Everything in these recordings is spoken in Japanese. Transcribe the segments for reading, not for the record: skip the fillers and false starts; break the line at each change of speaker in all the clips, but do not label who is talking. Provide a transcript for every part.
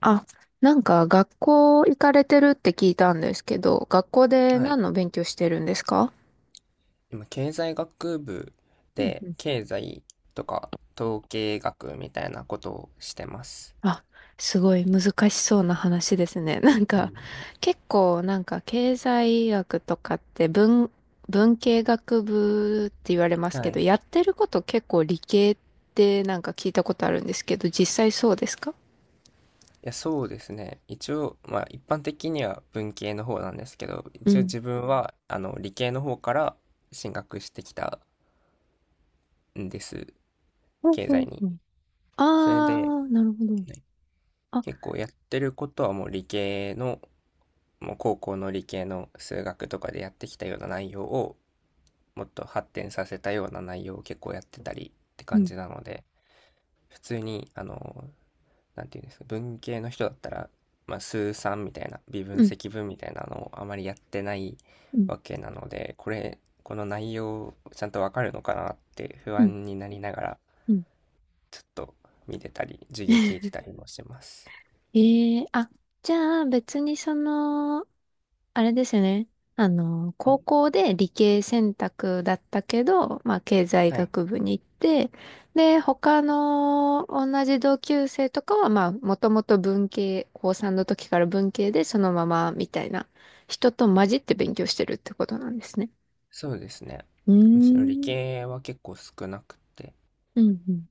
あ、なんか学校行かれてるって聞いたんですけど、学校で
はい。
何の勉強してるんですか？
今、経済学部
うん
で、
うん。
経済とか統計学みたいなことをしてます。
あ、すごい難しそうな話ですね。なん
う
か、
ん、
結構なんか経済学とかって文系学部って言われます
は
け
い。
ど、
い
やってること結構理系ってなんか聞いたことあるんですけど、実際そうですか？
や、そうですね。一応、まあ、一般的には文系の方なんですけど、
う
一応
ん。
自分は、理系の方から進学してきたんです。
ほ
経
う
済
ん
に。
うんうん。
それで、はい。
あー、なるほど。あ、
結構やってることはもう理系の、もう高校の理系の数学とかでやってきたような内容を、もっと発展させたような内容を結構やってたりって
う
感
ん、
じなので、普通になんていうんですか、文系の人だったら、まあ、数三みたいな微
う
分
ん、
積分みたいなのをあまりやってない
うん、
わけなので、これこの内容ちゃんとわかるのかなって不
うん。
安になりながら、
うん。
ちょっと見てたり授業聞いてた りもしてます。
ええ、あ、じゃあ別にその、あれですよね。あの、高校で理系選択だったけど、まあ経済
はい、
学部に行って、で、他の同じ同級生とかは、まあもともと文系、高3の時から文系でそのままみたいな人と混じって勉強してるってことなんですね。
そうですね。
うー
むしろ理
ん。
系は結構少なくて、
うんうん。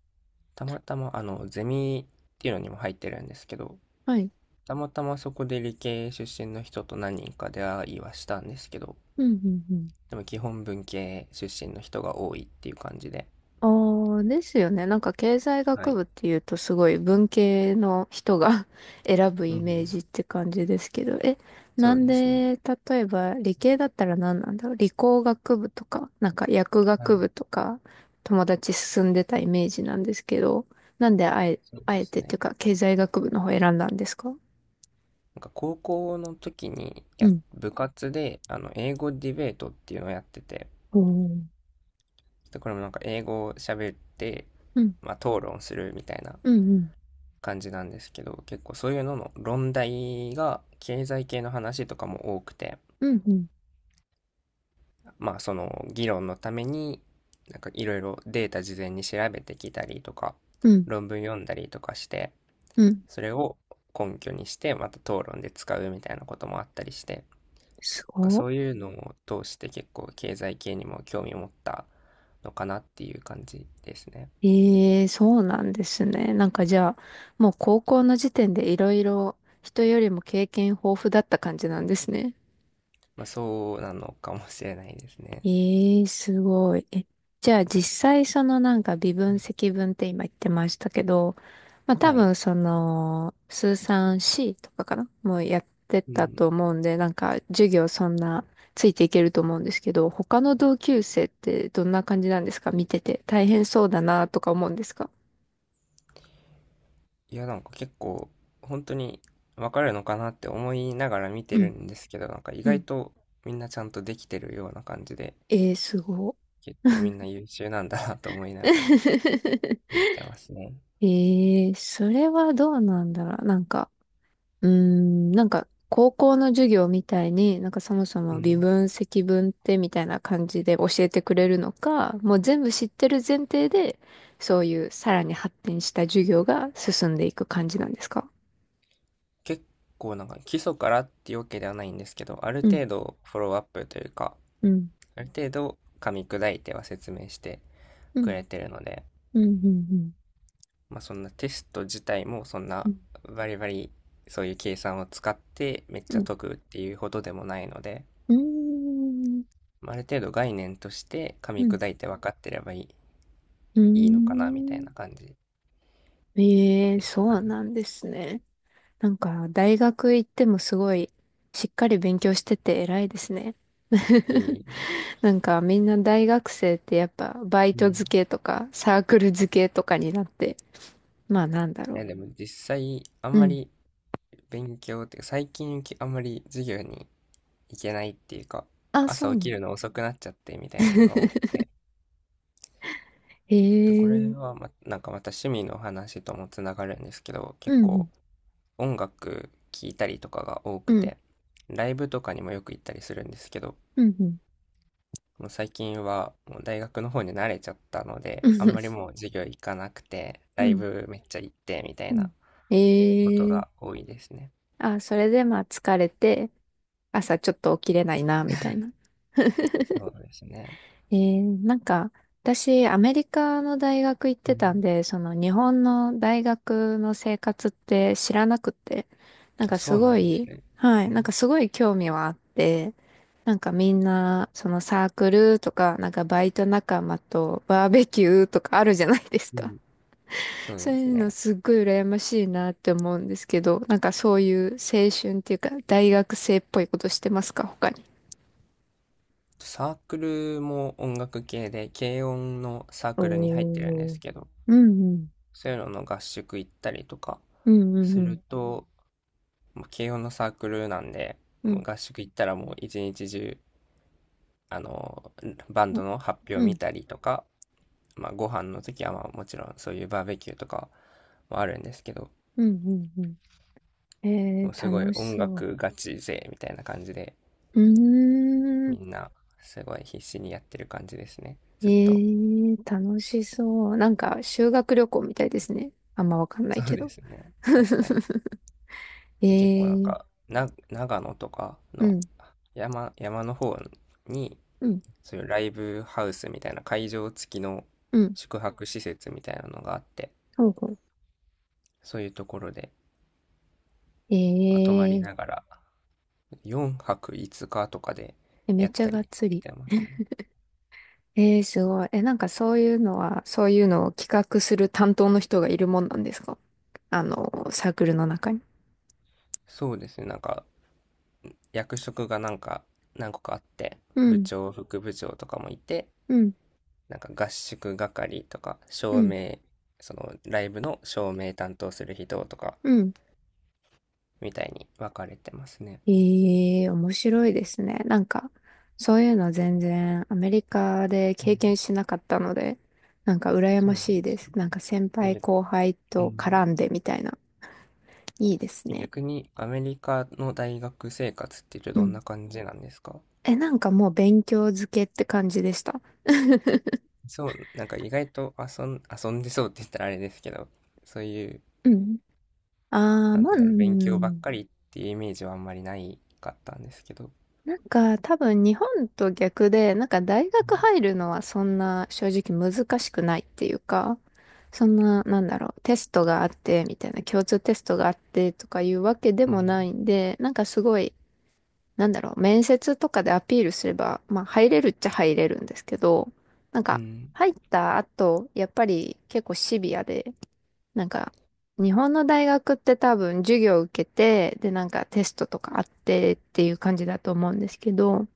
たまたまゼミっていうのにも入ってるんですけど、
はい。
たまたまそこで理系出身の人と何人か出会いはしたんですけど、
うんうんうん。
でも基本文系出身の人が多いっていう感じで。
ああ、ですよね。なんか経済
は
学
い。
部っていうとすごい文系の人が 選ぶ
う
イメー
ん。
ジって感じですけど、え、
そ
な
う
ん
ですね。
で、例えば理系だったら何なんだろう。理工学部とか、なんか薬
は
学
い。
部とか、友達進んでたイメージなんですけど、なんであえ、
そう
あ
で
え
す
てっていう
ね。
か経済学部の方選んだんですか？
なんか高校の時に
うん。
部活で、英語ディベートっていうのをやってて、
おー。
で、これもなんか英語を喋って、
うん、
まあ、討論するみたいな
うん、うん、
感じなんですけど、結構そういうのの論題が経済系の話とかも多くて、
うん、うん、
まあその議論のためになんかいろいろデータ事前に調べてきたりとか
うん、
論文読んだりとかして、
うん。
それを根拠にしてまた討論で使うみたいなこともあったりして、なん
す
か
ごっ。
そういうのを通して結構経済系にも興味を持ったのかなっていう感じですね。
ええ、そうなんですね。なんかじゃあ、もう高校の時点でいろいろ人よりも経験豊富だった感じなんですね。
まあそうなのかもしれないですね。
ええ、すごい。え、じゃあ実際そのなんか微
は
分
い。
積分って今言ってましたけど、まあ多
はい。
分その、数産 C とかかなもうやって
う
た
ん。
と思うんで、なんか授業そんなついていけると思うんですけど、他の同級生ってどんな感じなんですか、見てて大変そうだなとか思うんですか？
いや、なんか結構、本当にわかるのかなって思いながら見て
う
る
ん
んですけど、なんか意
う
外
ん。
とみんなちゃんとできてるような感じで、
えー、すご。
結構みんな優秀なんだなと思いながら 見てますね。
えー、それはどうなんだろう。なんか、うーん、なんか、高校の授業みたいに、なんかそもそ
う
も微
ん。
分、積分ってみたいな感じで教えてくれるのか、もう全部知ってる前提で、そういうさらに発展した授業が進んでいく感じなんですか？
結構なんか基礎からっていうわけではないんですけど、ある
うん、
程度フォローアップというか、
うん、
ある程度噛み砕いては説明して
う
くれ
ん、
てるので、
うん、うん、
まあそんな、テスト自体もそん
うん、
な
う
バリバリそういう計算を使ってめっちゃ
ん、
解くっていうほどでもないので、
うん、うん、
まあある程度概念として噛
うん、
み
うん、
砕いて分かってれば
う
いいのかなみたい
ん。
な感じ
えー、
です
そ
か
う
ね。
なんですね。なんか、大学行ってもすごい、しっかり勉強してて偉いですね。
い い。
なんか、みんな大学生ってやっぱ、バイ
うん。
ト
い
付けとか、サークル付けとかになって、まあなんだろ
やでも実際あん
う。う
ま
ん。
り勉強っていうか最近き、あんまり授業に行けないっていうか、
あ、そ
朝
う
起
な
き
の。
るの遅くなっちゃってみたいなのが多くて。
へ
でこれ
え。
はま、なんかまた趣味の話ともつながるんですけど、結
う
構
ん。
音楽聴いたりとかが多
う
く
ん、うん、
て、ライブとかにもよく行ったりするんですけど、
うん、うん、
もう最近はもう大学の方に慣れちゃったので、あんまりもう授業行かなくて、
う
ライ
ん、
ブめっちゃ行ってみたい
うん。
なこと
へえ。
が多いですね。
あ、それでまあ疲れて、朝ちょっと起きれないな、みたいな。
そうですね。
えー、なんか、私、アメリカの大学行っ
う
てたん
ん。
で、その日本の大学の生活って知らなくて、なん
あ、
か
そ
す
うな
ご
んです
い、
ね。
はい、
う
なんか
ん。
すごい興味はあって、なんかみんな、そのサークルとか、なんかバイト仲間とバーベキューとかあるじゃないです
う
か。
ん。そ う
そう
です
いうの
ね。
すっごい羨ましいなって思うんですけど、なんかそういう青春っていうか、大学生っぽいことしてますか、他に？
サークルも音楽系で、軽音のサークルに入ってるんで
おー。
すけど、
うんうん。
そういうのの合宿行ったりとか
うん
す
う
る
ん
と、もう軽音のサークルなんで、
う
もう
ん。
合宿行ったらもう一日中、あの、バン
あ。
ドの発表
う
見
ん。
たりとか、まあ、ご飯の時はまあもちろんそういうバーベキューとかもあるんですけど、
うん。うん。うん。
も
え
う
ー、
すごい
楽し
音
そ
楽ガチ勢みたいな感じで、
う。うー
み
ん。
んなすごい必死にやってる感じですね。
え
ずっと。
ー、楽しそう。なんか、修学旅行みたいですね。あんまわかんな
そ
い
う
け
で
ど。
すね。確かに。
え
結構なん
ー、
か、長野とか
う
の
ん。
山の方に、
うん。
そういうライブハウスみたいな会場付きの
うん。
宿泊施設みたいなのがあって、
ほうほう。
そういうところで、
え
まあ、泊まり
ー、
ながら、4泊5日とかで
え、め
や
っ
っ
ちゃ
た
がっ
り
つ
し
り。
てますね。
えー、すごい。え、なんかそういうのは、そういうのを企画する担当の人がいるもんなんですか？あの、サークルの中に。
そうですね、なんか役職がなんか何個かあって、
う
部
ん、
長、副部長とかもいて、
うん、
なんか合宿係とか、
う
照
ん、
明、そのライブの照明担当する人とか、
うん。
みたいに分かれてますね。
ええ、面白いですね。なんか、そういうの全然アメリカで
うん、
経験しなかったので、なんか羨
そ
ま
うなんで
しいで
す
す。
ね。
なんか先輩
逆
後輩
う
と絡んでみたいな。いいです
ん、
ね。
逆にアメリカの大学生活っていうと
う
どん
ん。
な感じなんですか？
え、なんかもう勉強漬けって感じでした。
そう、なんか意外と遊んでそうって言ったらあれですけど、そういう
うん。ああ、
なん
まあ、
てい
う
うんだろう、勉強ばっ
ん。
かりっていうイメージはあんまりないかったんですけど。
なんか多分日本と逆で、なんか大学入るのはそんな正直難しくないっていうか、そんな、なんだろう、テストがあってみたいな、共通テストがあってとかいうわけで
うん。う
もな
ん。
いんで、なんかすごい、なんだろう、面接とかでアピールすれば、まあ入れるっちゃ入れるんですけど、なん
う
か
ん。
入った後、やっぱり結構シビアで、なんか日本の大学って多分授業を受けて、でなんかテストとかあってっていう感じだと思うんですけど、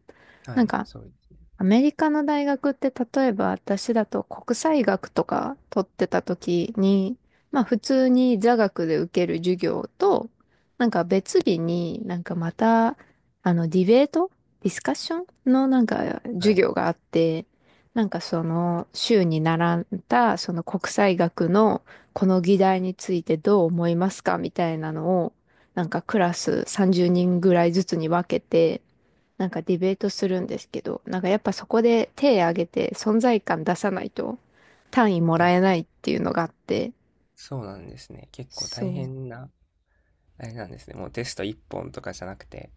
は
なん
い、
か、
そうですね。
アメリカの大学って、例えば私だと国際学とか取ってた時に、まあ普通に座学で受ける授業と、なんか別日になんかまた、あの、ディベートディスカッションのなんか
は
授
い。
業があって、なんかその週に習ったその国際学のこの議題についてどう思いますかみたいなのを、なんかクラス30人ぐらいずつに分けて、なんかディベートするんですけど、なんかやっぱそこで手挙げて存在感出さないと単位もら
あ、
えないっていうのがあって、
そうなんですね。結構
そ
大
う、
変な、あれなんですね。もうテスト1本とかじゃなくて、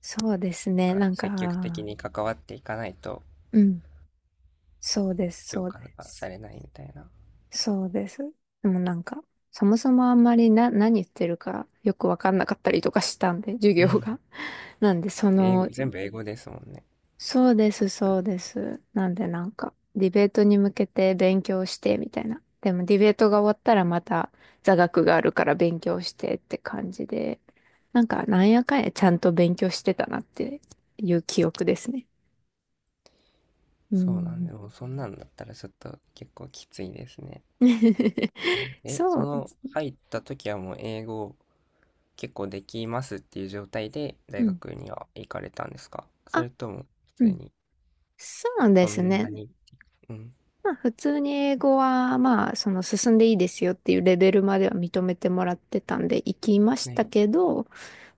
そうですね、
が
なん
積極的
か、
に関わっていかないと
うん、そうです、
評
そう
価
で
がさ
す、
れないみたいな。
そうです。でもなんか、そもそもあんまりな、何言ってるかよくわかんなかったりとかしたんで、授業が。なんで、そ
英語、
の
全部英語ですもんね。
そうです。なんでなんか、ディベートに向けて勉強してみたいな。でもディベートが終わったらまた座学があるから勉強してって感じで、なんかなんやかんやちゃんと勉強してたなっていう記憶ですね。う
そうなん
ん。
で、もうそんなんだったらちょっと結構きついですね。え、
そ
そ
う。
の入った時はもう英語結構できますっていう状態で
う
大
ん。
学には行かれたんですか、そ
あ、
れとも
う
普通
ん。
に
そうで
そ
す
ん
ね。
なに、うん、
まあ普通に英語はまあその進んでいいですよっていうレベルまでは認めてもらってたんで行きました
ね、
けど、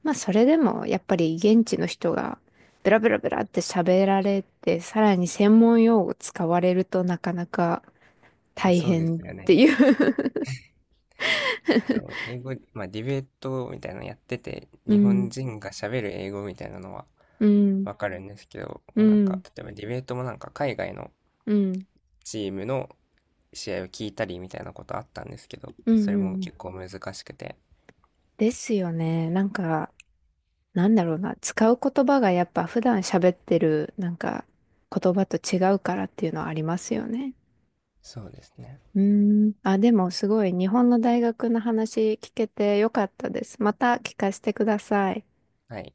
まあそれでもやっぱり現地の人がブラブラブラって喋られて、さらに専門用語使われるとなかなか
いや、
大
そうで
変
す
っ
よ
て
ね。
いう。
そう英語、まあディベートみたいなのやってて、
う
日本
ん、
人が喋る英語みたいなのは
うん、
わかるんですけど、
う
もうなんか、
ん、
例えばディベートもなんか海外の
うん、
チームの試合を聞いたりみたいなことあったんですけど、
う
そ
ん、う
れも
ん。
結構難しくて、
ですよね。なんか、なんだろうな。使う言葉がやっぱ普段喋ってるなんか言葉と違うからっていうのはありますよね。
そうですね。
うーん。あ、でもすごい日本の大学の話聞けてよかったです。また聞かせてください。
はい。